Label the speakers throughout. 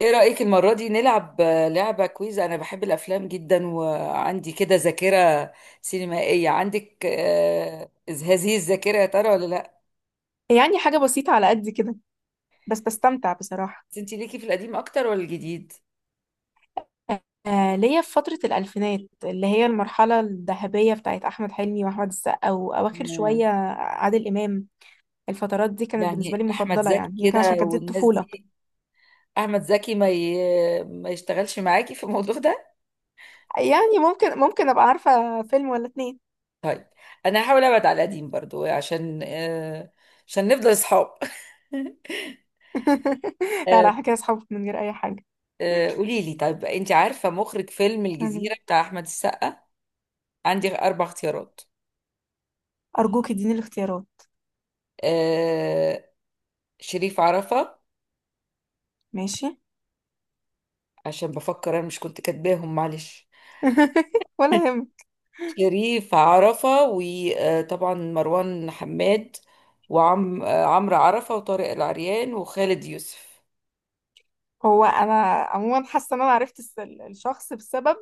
Speaker 1: ايه رأيك المرة دي نلعب لعبة كويز. انا بحب الافلام جدا وعندي كده ذاكرة سينمائية. عندك هذه الذاكرة يا ترى ولا لا؟
Speaker 2: يعني حاجة بسيطة على قد كده، بس بستمتع بصراحة.
Speaker 1: بس انت ليكي في القديم اكتر ولا الجديد؟
Speaker 2: آه، ليا في فترة الألفينات اللي هي المرحلة الذهبية بتاعت أحمد حلمي وأحمد السقا وأواخر
Speaker 1: مم.
Speaker 2: شوية عادل إمام. الفترات دي كانت بالنسبة
Speaker 1: يعني
Speaker 2: لي
Speaker 1: احمد
Speaker 2: مفضلة،
Speaker 1: زكي
Speaker 2: يعني يمكن عشان
Speaker 1: كده
Speaker 2: كانت دي
Speaker 1: والناس
Speaker 2: الطفولة.
Speaker 1: دي. احمد زكي ما يشتغلش معاكي في الموضوع ده؟
Speaker 2: يعني ممكن أبقى عارفة فيلم ولا اتنين.
Speaker 1: طيب، انا هحاول ابعد على القديم برضو عشان عشان نفضل اصحاب.
Speaker 2: لا
Speaker 1: آه،
Speaker 2: لا، حكاية أصحابك من غير أي حاجة.
Speaker 1: قولي لي، طيب انت عارفة مخرج فيلم
Speaker 2: يعني
Speaker 1: الجزيرة بتاع احمد السقا؟ عندي أربع اختيارات.
Speaker 2: أرجوك اديني الاختيارات.
Speaker 1: آه شريف عرفة،
Speaker 2: ماشي.
Speaker 1: عشان بفكر أنا مش كنت كاتباهم، معلش.
Speaker 2: ولا يهم.
Speaker 1: شريف عرفة، وطبعا مروان حماد، وعم آه، عمرو عرفة، وطارق العريان، وخالد يوسف.
Speaker 2: هو أنا عموما حاسة إن أنا عرفت الشخص بسبب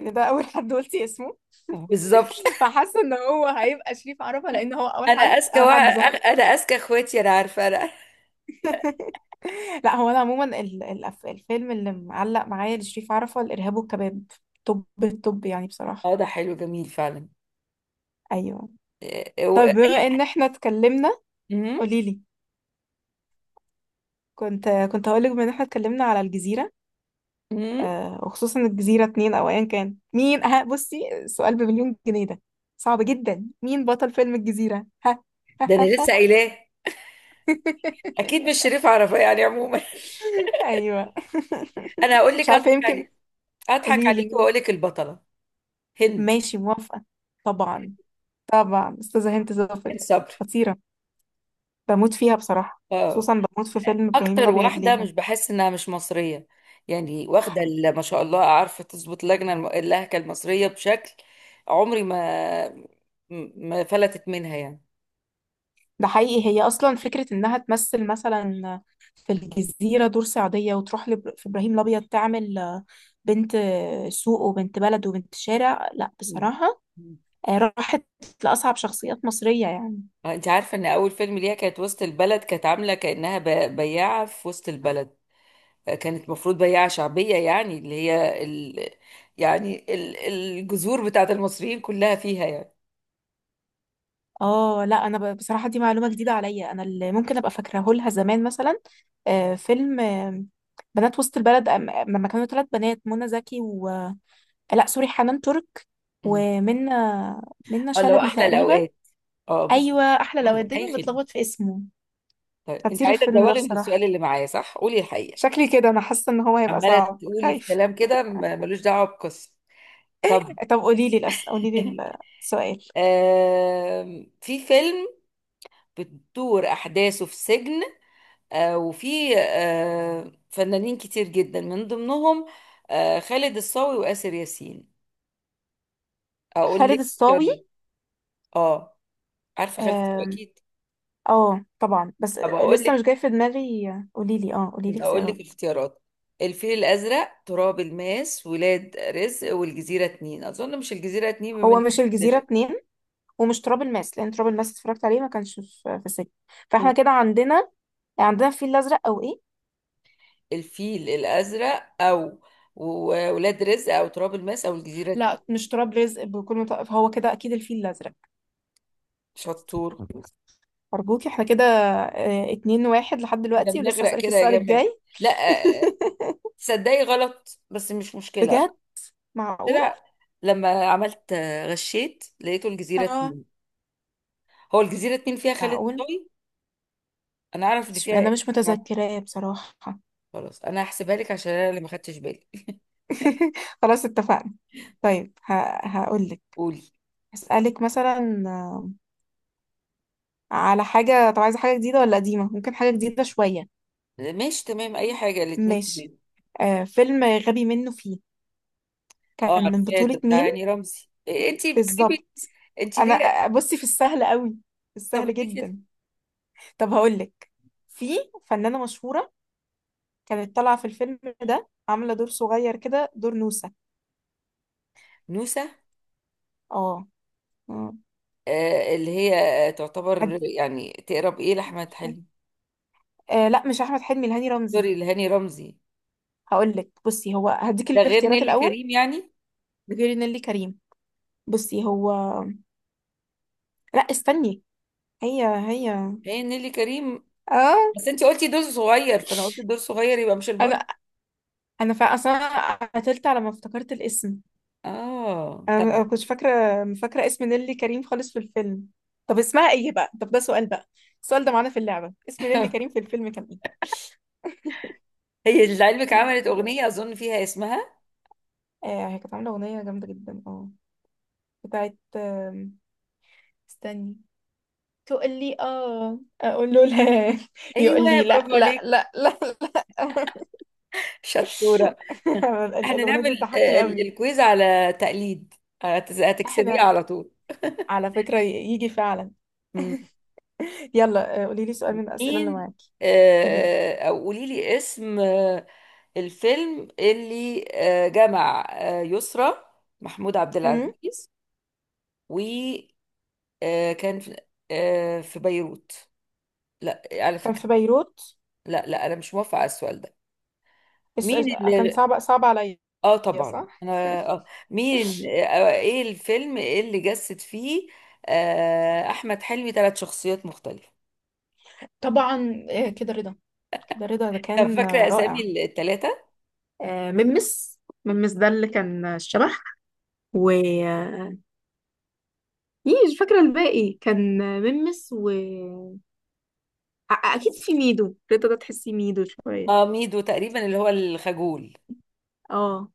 Speaker 2: إن ده أول حد قلتي اسمه.
Speaker 1: بالظبط.
Speaker 2: فحاسه ان هو هيبقى شريف عرفة لان هو اول
Speaker 1: أنا
Speaker 2: حد
Speaker 1: أذكى
Speaker 2: اول حد
Speaker 1: واحد
Speaker 2: ظهر.
Speaker 1: أنا أذكى إخواتي، أنا عارفة أنا.
Speaker 2: لا هو انا عموما الفيلم اللي معلق معايا لشريف عرفة الارهاب والكباب. طب يعني بصراحه.
Speaker 1: أه ده حلو، جميل فعلا.
Speaker 2: ايوه.
Speaker 1: آه،
Speaker 2: طيب
Speaker 1: و-
Speaker 2: بما ان احنا اتكلمنا،
Speaker 1: مم،
Speaker 2: قولي لي. كنت هقول لك بما ان احنا اتكلمنا على الجزيره،
Speaker 1: مم.
Speaker 2: وخصوصا الجزيره اتنين او ايا كان مين. ها، بصي السؤال بمليون جنيه ده صعب جدا، مين بطل فيلم الجزيره؟ ها.
Speaker 1: ده أنا لسه قايلاه. أكيد مش شريف عرفة، يعني عموما.
Speaker 2: ايوه.
Speaker 1: أنا هقول
Speaker 2: مش
Speaker 1: لك،
Speaker 2: عارفه،
Speaker 1: أضحك
Speaker 2: يمكن
Speaker 1: عليك. أضحك
Speaker 2: قولي
Speaker 1: عليك
Speaker 2: لي.
Speaker 1: وأقول لك البطلة هند
Speaker 2: ماشي، موافقة. طبعا. طبعا أستاذة هند صبري.
Speaker 1: الصبر.
Speaker 2: خطيرة، بموت فيها بصراحة،
Speaker 1: اه،
Speaker 2: خصوصا بموت في فيلم إبراهيم
Speaker 1: اكتر
Speaker 2: الأبيض
Speaker 1: واحده
Speaker 2: ليها.
Speaker 1: مش بحس انها مش مصريه يعني. واخده ما شاء الله، عارفه تظبط لجنه اللهجه المصريه بشكل. عمري ما، ما فلتت منها يعني.
Speaker 2: ده حقيقي، هي أصلا فكرة إنها تمثل مثلا في الجزيرة دور صعيدية وتروح في إبراهيم الأبيض تعمل بنت سوق وبنت بلد وبنت شارع، لا
Speaker 1: مم.
Speaker 2: بصراحة
Speaker 1: مم.
Speaker 2: راحت لأصعب شخصيات مصرية يعني.
Speaker 1: انت عارفه ان اول فيلم ليها كانت وسط البلد؟ كانت عامله كانها بياعه في وسط البلد. كانت المفروض بياعه شعبيه يعني، اللي هي يعني الجذور بتاعت المصريين كلها فيها يعني.
Speaker 2: اه لا، انا بصراحه دي معلومه جديده عليا. انا اللي ممكن ابقى فاكراه لها زمان مثلا فيلم بنات وسط البلد. لما كانوا ثلاث بنات، منى زكي و، لا سوري، حنان ترك
Speaker 1: مم.
Speaker 2: ومنى، منى
Speaker 1: الله،
Speaker 2: شلبي
Speaker 1: احلى
Speaker 2: تقريبا.
Speaker 1: الاوقات. اه بالظبط.
Speaker 2: ايوه احلى، لو
Speaker 1: احلى، اي
Speaker 2: دايما
Speaker 1: خدمه.
Speaker 2: بتلخبط في اسمه.
Speaker 1: طيب انت
Speaker 2: خطير
Speaker 1: عايزه
Speaker 2: الفيلم ده
Speaker 1: تزوغي من السؤال
Speaker 2: بصراحه،
Speaker 1: اللي معايا، صح؟ قولي الحقيقه.
Speaker 2: شكلي كده انا حاسه ان هو هيبقى
Speaker 1: عماله
Speaker 2: صعب،
Speaker 1: تقولي في
Speaker 2: خايف.
Speaker 1: كلام كده ملوش دعوه بقصه. طب.
Speaker 2: طب قولي لي قولي لي السؤال.
Speaker 1: في فيلم بتدور احداثه في سجن، وفي فنانين كتير جدا من ضمنهم خالد الصاوي وآسر ياسين. اقول
Speaker 2: خالد
Speaker 1: لك
Speaker 2: الصاوي.
Speaker 1: اختيارات. اه، عارفه خالد الصاوي
Speaker 2: آم،
Speaker 1: اكيد.
Speaker 2: اه طبعا، بس
Speaker 1: طب اقول
Speaker 2: لسه مش
Speaker 1: لك،
Speaker 2: جاي في دماغي. قولي لي
Speaker 1: اقول
Speaker 2: اختيارات.
Speaker 1: لك اختيارات. الفيل الازرق، تراب الماس، ولاد رزق، والجزيره اتنين. اظن مش الجزيره اتنين بما
Speaker 2: هو
Speaker 1: انك
Speaker 2: مش الجزيرة
Speaker 1: محتاجة.
Speaker 2: اتنين، ومش تراب الماس، لأن تراب الماس اتفرجت عليه ما كانش في السجن.
Speaker 1: مم.
Speaker 2: فاحنا كده عندنا، الفيل الأزرق أو إيه؟
Speaker 1: الفيل الازرق او ولاد رزق او تراب الماس او الجزيره اتنين.
Speaker 2: لا مش تراب رزق، بكل متوقف هو كده، أكيد الفيل الأزرق.
Speaker 1: شطور.
Speaker 2: أرجوك احنا كده، اه، 2-1 لحد
Speaker 1: احنا
Speaker 2: دلوقتي، ولسه
Speaker 1: بنغرق
Speaker 2: هسألك
Speaker 1: كده يا
Speaker 2: السؤال
Speaker 1: جماعه.
Speaker 2: الجاي.
Speaker 1: لا، آه، تصدقي غلط بس مش مشكله.
Speaker 2: بجد؟ معقول؟
Speaker 1: طلع، لما عملت غشيت، لقيته الجزيره
Speaker 2: اه.
Speaker 1: اتنين. هو الجزيره اتنين فيها خالد
Speaker 2: معقول؟
Speaker 1: صاوي. انا اعرف ان فيها
Speaker 2: أنا مش
Speaker 1: إسلام.
Speaker 2: متذكراه بصراحة.
Speaker 1: خلاص، انا هحسبها لك عشان انا اللي ما خدتش بالي.
Speaker 2: خلاص اتفقنا. طيب هقول لك.
Speaker 1: قولي.
Speaker 2: هسألك مثلا على حاجة. طب عايزة حاجة جديدة ولا قديمة؟ ممكن حاجة جديدة شوية.
Speaker 1: ماشي تمام، اي حاجه، الاتنين
Speaker 2: ماشي.
Speaker 1: تمام.
Speaker 2: آه، فيلم غبي منه فيه،
Speaker 1: اه
Speaker 2: كان من
Speaker 1: عارفاه، ده
Speaker 2: بطولة
Speaker 1: بتاع
Speaker 2: مين؟
Speaker 1: هاني رمزي. إيه، انتي بتكتبي؟
Speaker 2: بالظبط.
Speaker 1: انتي
Speaker 2: انا
Speaker 1: ليه؟
Speaker 2: بصي في السهل قوي، في
Speaker 1: طب
Speaker 2: السهل
Speaker 1: ليه كده؟
Speaker 2: جدا. طب هقولك. في فنانة مشهورة كانت طالعة في الفيلم ده، عاملة دور صغير كده، دور نوسة.
Speaker 1: نوسه.
Speaker 2: اه. آه.
Speaker 1: آه، اللي هي تعتبر
Speaker 2: هد...
Speaker 1: يعني تقرب ايه لاحمد حلمي؟
Speaker 2: لا مش احمد حلمي، الهاني رمزي.
Speaker 1: سوري، لهاني رمزي.
Speaker 2: هقولك بصي، هو هديك
Speaker 1: ده غير
Speaker 2: الاختيارات
Speaker 1: نيلي
Speaker 2: الاول.
Speaker 1: كريم يعني؟
Speaker 2: غير نيللي كريم. بصي هو، لا استني، هي هي.
Speaker 1: هي نيلي كريم.
Speaker 2: اه.
Speaker 1: بس انتي قلتي دور صغير، فانا قلت دور صغير يبقى مش البطل.
Speaker 2: انا، انا فا اصلا قتلت على ما افتكرت الاسم.
Speaker 1: اه
Speaker 2: انا ما
Speaker 1: تمام.
Speaker 2: كنتش فاكره، فاكره اسم نيلي كريم خالص في الفيلم. طب اسمها ايه بقى؟ طب ده سؤال بقى، السؤال ده معانا في اللعبه، اسم نيلي كريم في الفيلم كان
Speaker 1: هي لعلمك عملت
Speaker 2: ايه؟
Speaker 1: اغنيه اظن فيها اسمها.
Speaker 2: آه، هي كانت عامله اغنيه جامده جدا، اه، بتاعت استني. تقول لي اه اقول له لا، يقول
Speaker 1: ايوه
Speaker 2: لي لا
Speaker 1: برافو
Speaker 2: لا
Speaker 1: عليك.
Speaker 2: لا لا لا.
Speaker 1: شطوره. احنا
Speaker 2: الاغنيه دي
Speaker 1: نعمل
Speaker 2: بتضحكني قوي.
Speaker 1: الكويز على تقليد، هتكسبيه
Speaker 2: احنا،
Speaker 1: على طول.
Speaker 2: على فكره، يجي فعلا.
Speaker 1: مم.
Speaker 2: يلا قولي لي سؤال من الاسئله اللي
Speaker 1: مين
Speaker 2: معاكي. قولي لي.
Speaker 1: او قولي لي اسم الفيلم اللي جمع يسرا محمود عبد
Speaker 2: أمم،
Speaker 1: العزيز، وكان في في بيروت. لا على
Speaker 2: كان
Speaker 1: فكرة.
Speaker 2: في بيروت؟
Speaker 1: لا لا، انا مش موافقة على السؤال ده.
Speaker 2: الس-
Speaker 1: مين
Speaker 2: الس- كان
Speaker 1: اللي؟
Speaker 2: صعب، صعب عليا.
Speaker 1: اه طبعا،
Speaker 2: صح.
Speaker 1: انا اه. مين، ايه الفيلم اللي جسد فيه احمد حلمي ثلاث شخصيات مختلفة؟
Speaker 2: طبعا. كده رضا، ده
Speaker 1: طب
Speaker 2: كان
Speaker 1: فاكرة
Speaker 2: رائع.
Speaker 1: أسامي التلاتة؟
Speaker 2: آه، ممس، ده اللي كان الشبح. و إيه، مش فاكرة الباقي. كان ممس و أكيد في ميدو. رضا ده تحسي ميدو
Speaker 1: اه،
Speaker 2: شوية.
Speaker 1: ميدو تقريبا اللي هو الخجول.
Speaker 2: اه.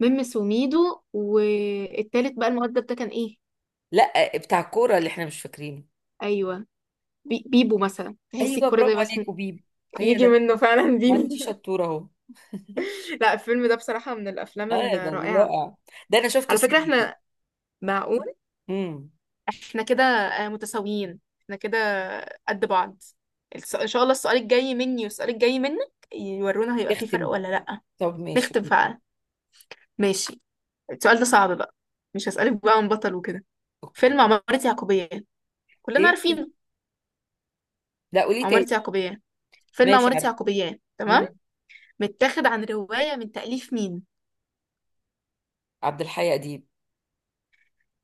Speaker 2: ممس وميدو، والتالت بقى المؤدب ده كان ايه؟
Speaker 1: لا، بتاع الكورة اللي احنا مش فاكرينه.
Speaker 2: أيوه. بيبو مثلا، تحسي
Speaker 1: أيوه
Speaker 2: الكرة ده
Speaker 1: برافو
Speaker 2: بس.
Speaker 1: عليك، وبيب، هي
Speaker 2: يجي
Speaker 1: ده.
Speaker 2: منه فعلا
Speaker 1: ما
Speaker 2: بيبو.
Speaker 1: انتي شطورة أهو.
Speaker 2: لا الفيلم ده بصراحة من الأفلام
Speaker 1: اه ده
Speaker 2: الرائعة.
Speaker 1: رائع. ده أنا شفته
Speaker 2: على فكرة
Speaker 1: سينما.
Speaker 2: احنا، معقول،
Speaker 1: امم.
Speaker 2: احنا كده متساويين، احنا كده قد بعض. ان شاء الله السؤال الجاي مني والسؤال الجاي منك يورونا، هيبقى فيه فرق
Speaker 1: اختم بقى.
Speaker 2: ولا لأ.
Speaker 1: طب ماشي.
Speaker 2: نختم فعلا. ماشي. السؤال ده صعب بقى، مش هسألك بقى عن بطل وكده.
Speaker 1: اوكي.
Speaker 2: فيلم عمارة يعقوبيان، كلنا
Speaker 1: ايه؟
Speaker 2: عارفينه.
Speaker 1: لا قولي
Speaker 2: عمارة
Speaker 1: تاني.
Speaker 2: يعقوبيان، فيلم
Speaker 1: ماشي،
Speaker 2: عمارة
Speaker 1: عارفة.
Speaker 2: يعقوبيان، تمام.
Speaker 1: امم.
Speaker 2: متاخد عن رواية من تأليف مين؟
Speaker 1: عبد الحي أديب.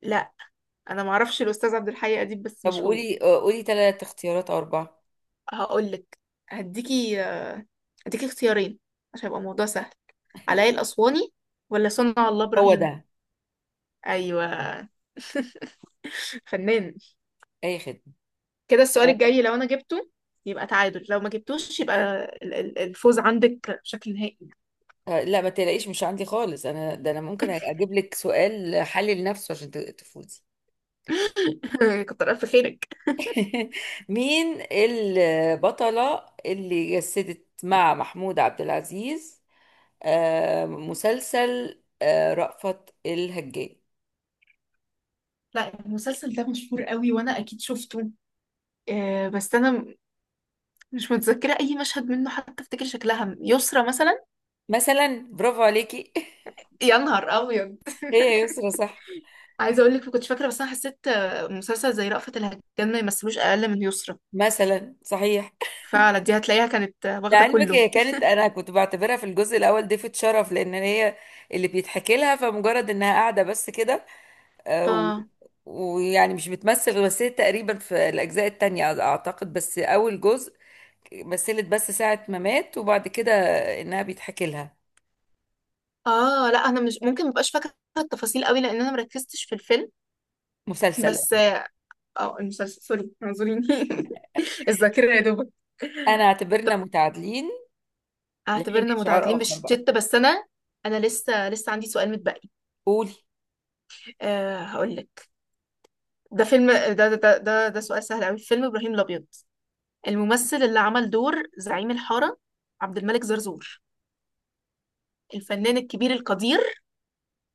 Speaker 2: لا، انا معرفش الاستاذ عبد الحي اديب، بس
Speaker 1: طب
Speaker 2: مش هو.
Speaker 1: قولي قولي تلات اختيارات أو أربعة.
Speaker 2: هقول لك، هديكي، اختيارين عشان يبقى الموضوع سهل. علاء الأسواني ولا صنع الله
Speaker 1: هو
Speaker 2: إبراهيم؟
Speaker 1: ده.
Speaker 2: ايوه. فنان.
Speaker 1: أي خدمة.
Speaker 2: كده السؤال الجاي لو انا جبته يبقى تعادل، لو ما جبتوش يبقى الفوز عندك بشكل نهائي.
Speaker 1: لا ما تلاقيش، مش عندي خالص أنا. ده أنا ممكن أجيب لك سؤال حلل نفسه عشان تفوزي.
Speaker 2: كتر الف خيرك.
Speaker 1: مين البطلة اللي جسدت مع محمود عبد العزيز مسلسل رأفت الهجان؟
Speaker 2: لا المسلسل ده مشهور قوي وانا اكيد شفته، بس انا مش متذكره اي مشهد منه حتى افتكر شكلها. يسرا مثلا.
Speaker 1: مثلا برافو عليكي.
Speaker 2: يا نهار ابيض.
Speaker 1: هي يا يسرا، صح؟
Speaker 2: عايزه اقول لك ما كنتش فاكره، بس انا حسيت مسلسل زي رأفت الهجان ما يمثلوش اقل من يسرا.
Speaker 1: مثلا، صحيح.
Speaker 2: فعلا دي هتلاقيها كانت واخده
Speaker 1: لعلمك
Speaker 2: كله.
Speaker 1: هي كانت، انا كنت بعتبرها في الجزء الاول ضيفة شرف، لان هي اللي بيتحكي لها، فمجرد انها قاعدة بس كده. آه، و-
Speaker 2: اه.
Speaker 1: ويعني مش بتمثل. مثلت تقريبا في الأجزاء التانية أعتقد، بس أول جزء مثلت بس ساعة ما مات، وبعد كده إنها بيتحكي لها.
Speaker 2: اه لا انا مش ممكن، مبقاش فاكره التفاصيل قوي لان انا مركزتش في الفيلم،
Speaker 1: مسلسل.
Speaker 2: بس اه المسلسل. سوري اعذريني. الذاكرة يا دوبك.
Speaker 1: أنا اعتبرنا
Speaker 2: طب
Speaker 1: متعادلين لحين
Speaker 2: اعتبرنا
Speaker 1: إشعار
Speaker 2: متعادلين
Speaker 1: آخر بقى.
Speaker 2: بالشتة، بس انا، انا لسه عندي سؤال متبقي.
Speaker 1: قولي.
Speaker 2: أه هقول لك. ده فيلم ده ده ده ده, ده سؤال سهل قوي، فيلم ابراهيم الابيض، الممثل اللي عمل دور زعيم الحارة، عبد الملك زرزور الفنان الكبير القدير.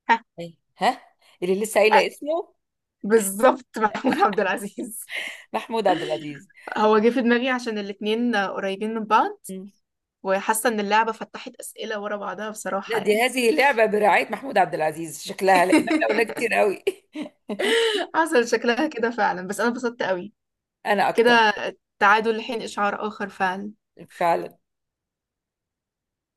Speaker 2: ها.
Speaker 1: أي. ها. اللي لسه
Speaker 2: آه،
Speaker 1: قايلة اسمه،
Speaker 2: بالظبط، محمود عبد العزيز.
Speaker 1: محمود عبد العزيز.
Speaker 2: هو جه في دماغي عشان الاتنين قريبين من بعض،
Speaker 1: مم.
Speaker 2: وحاسة ان اللعبة فتحت أسئلة ورا بعضها
Speaker 1: لا،
Speaker 2: بصراحة
Speaker 1: دي
Speaker 2: يعني.
Speaker 1: هذه اللعبة برعاية محمود عبد العزيز شكلها، لأن احنا قلنا كتير قوي.
Speaker 2: حصل شكلها كده فعلا، بس انا اتبسطت قوي
Speaker 1: أنا أكتر.
Speaker 2: كده. تعادل لحين اشعار اخر فعلا.
Speaker 1: فعلا.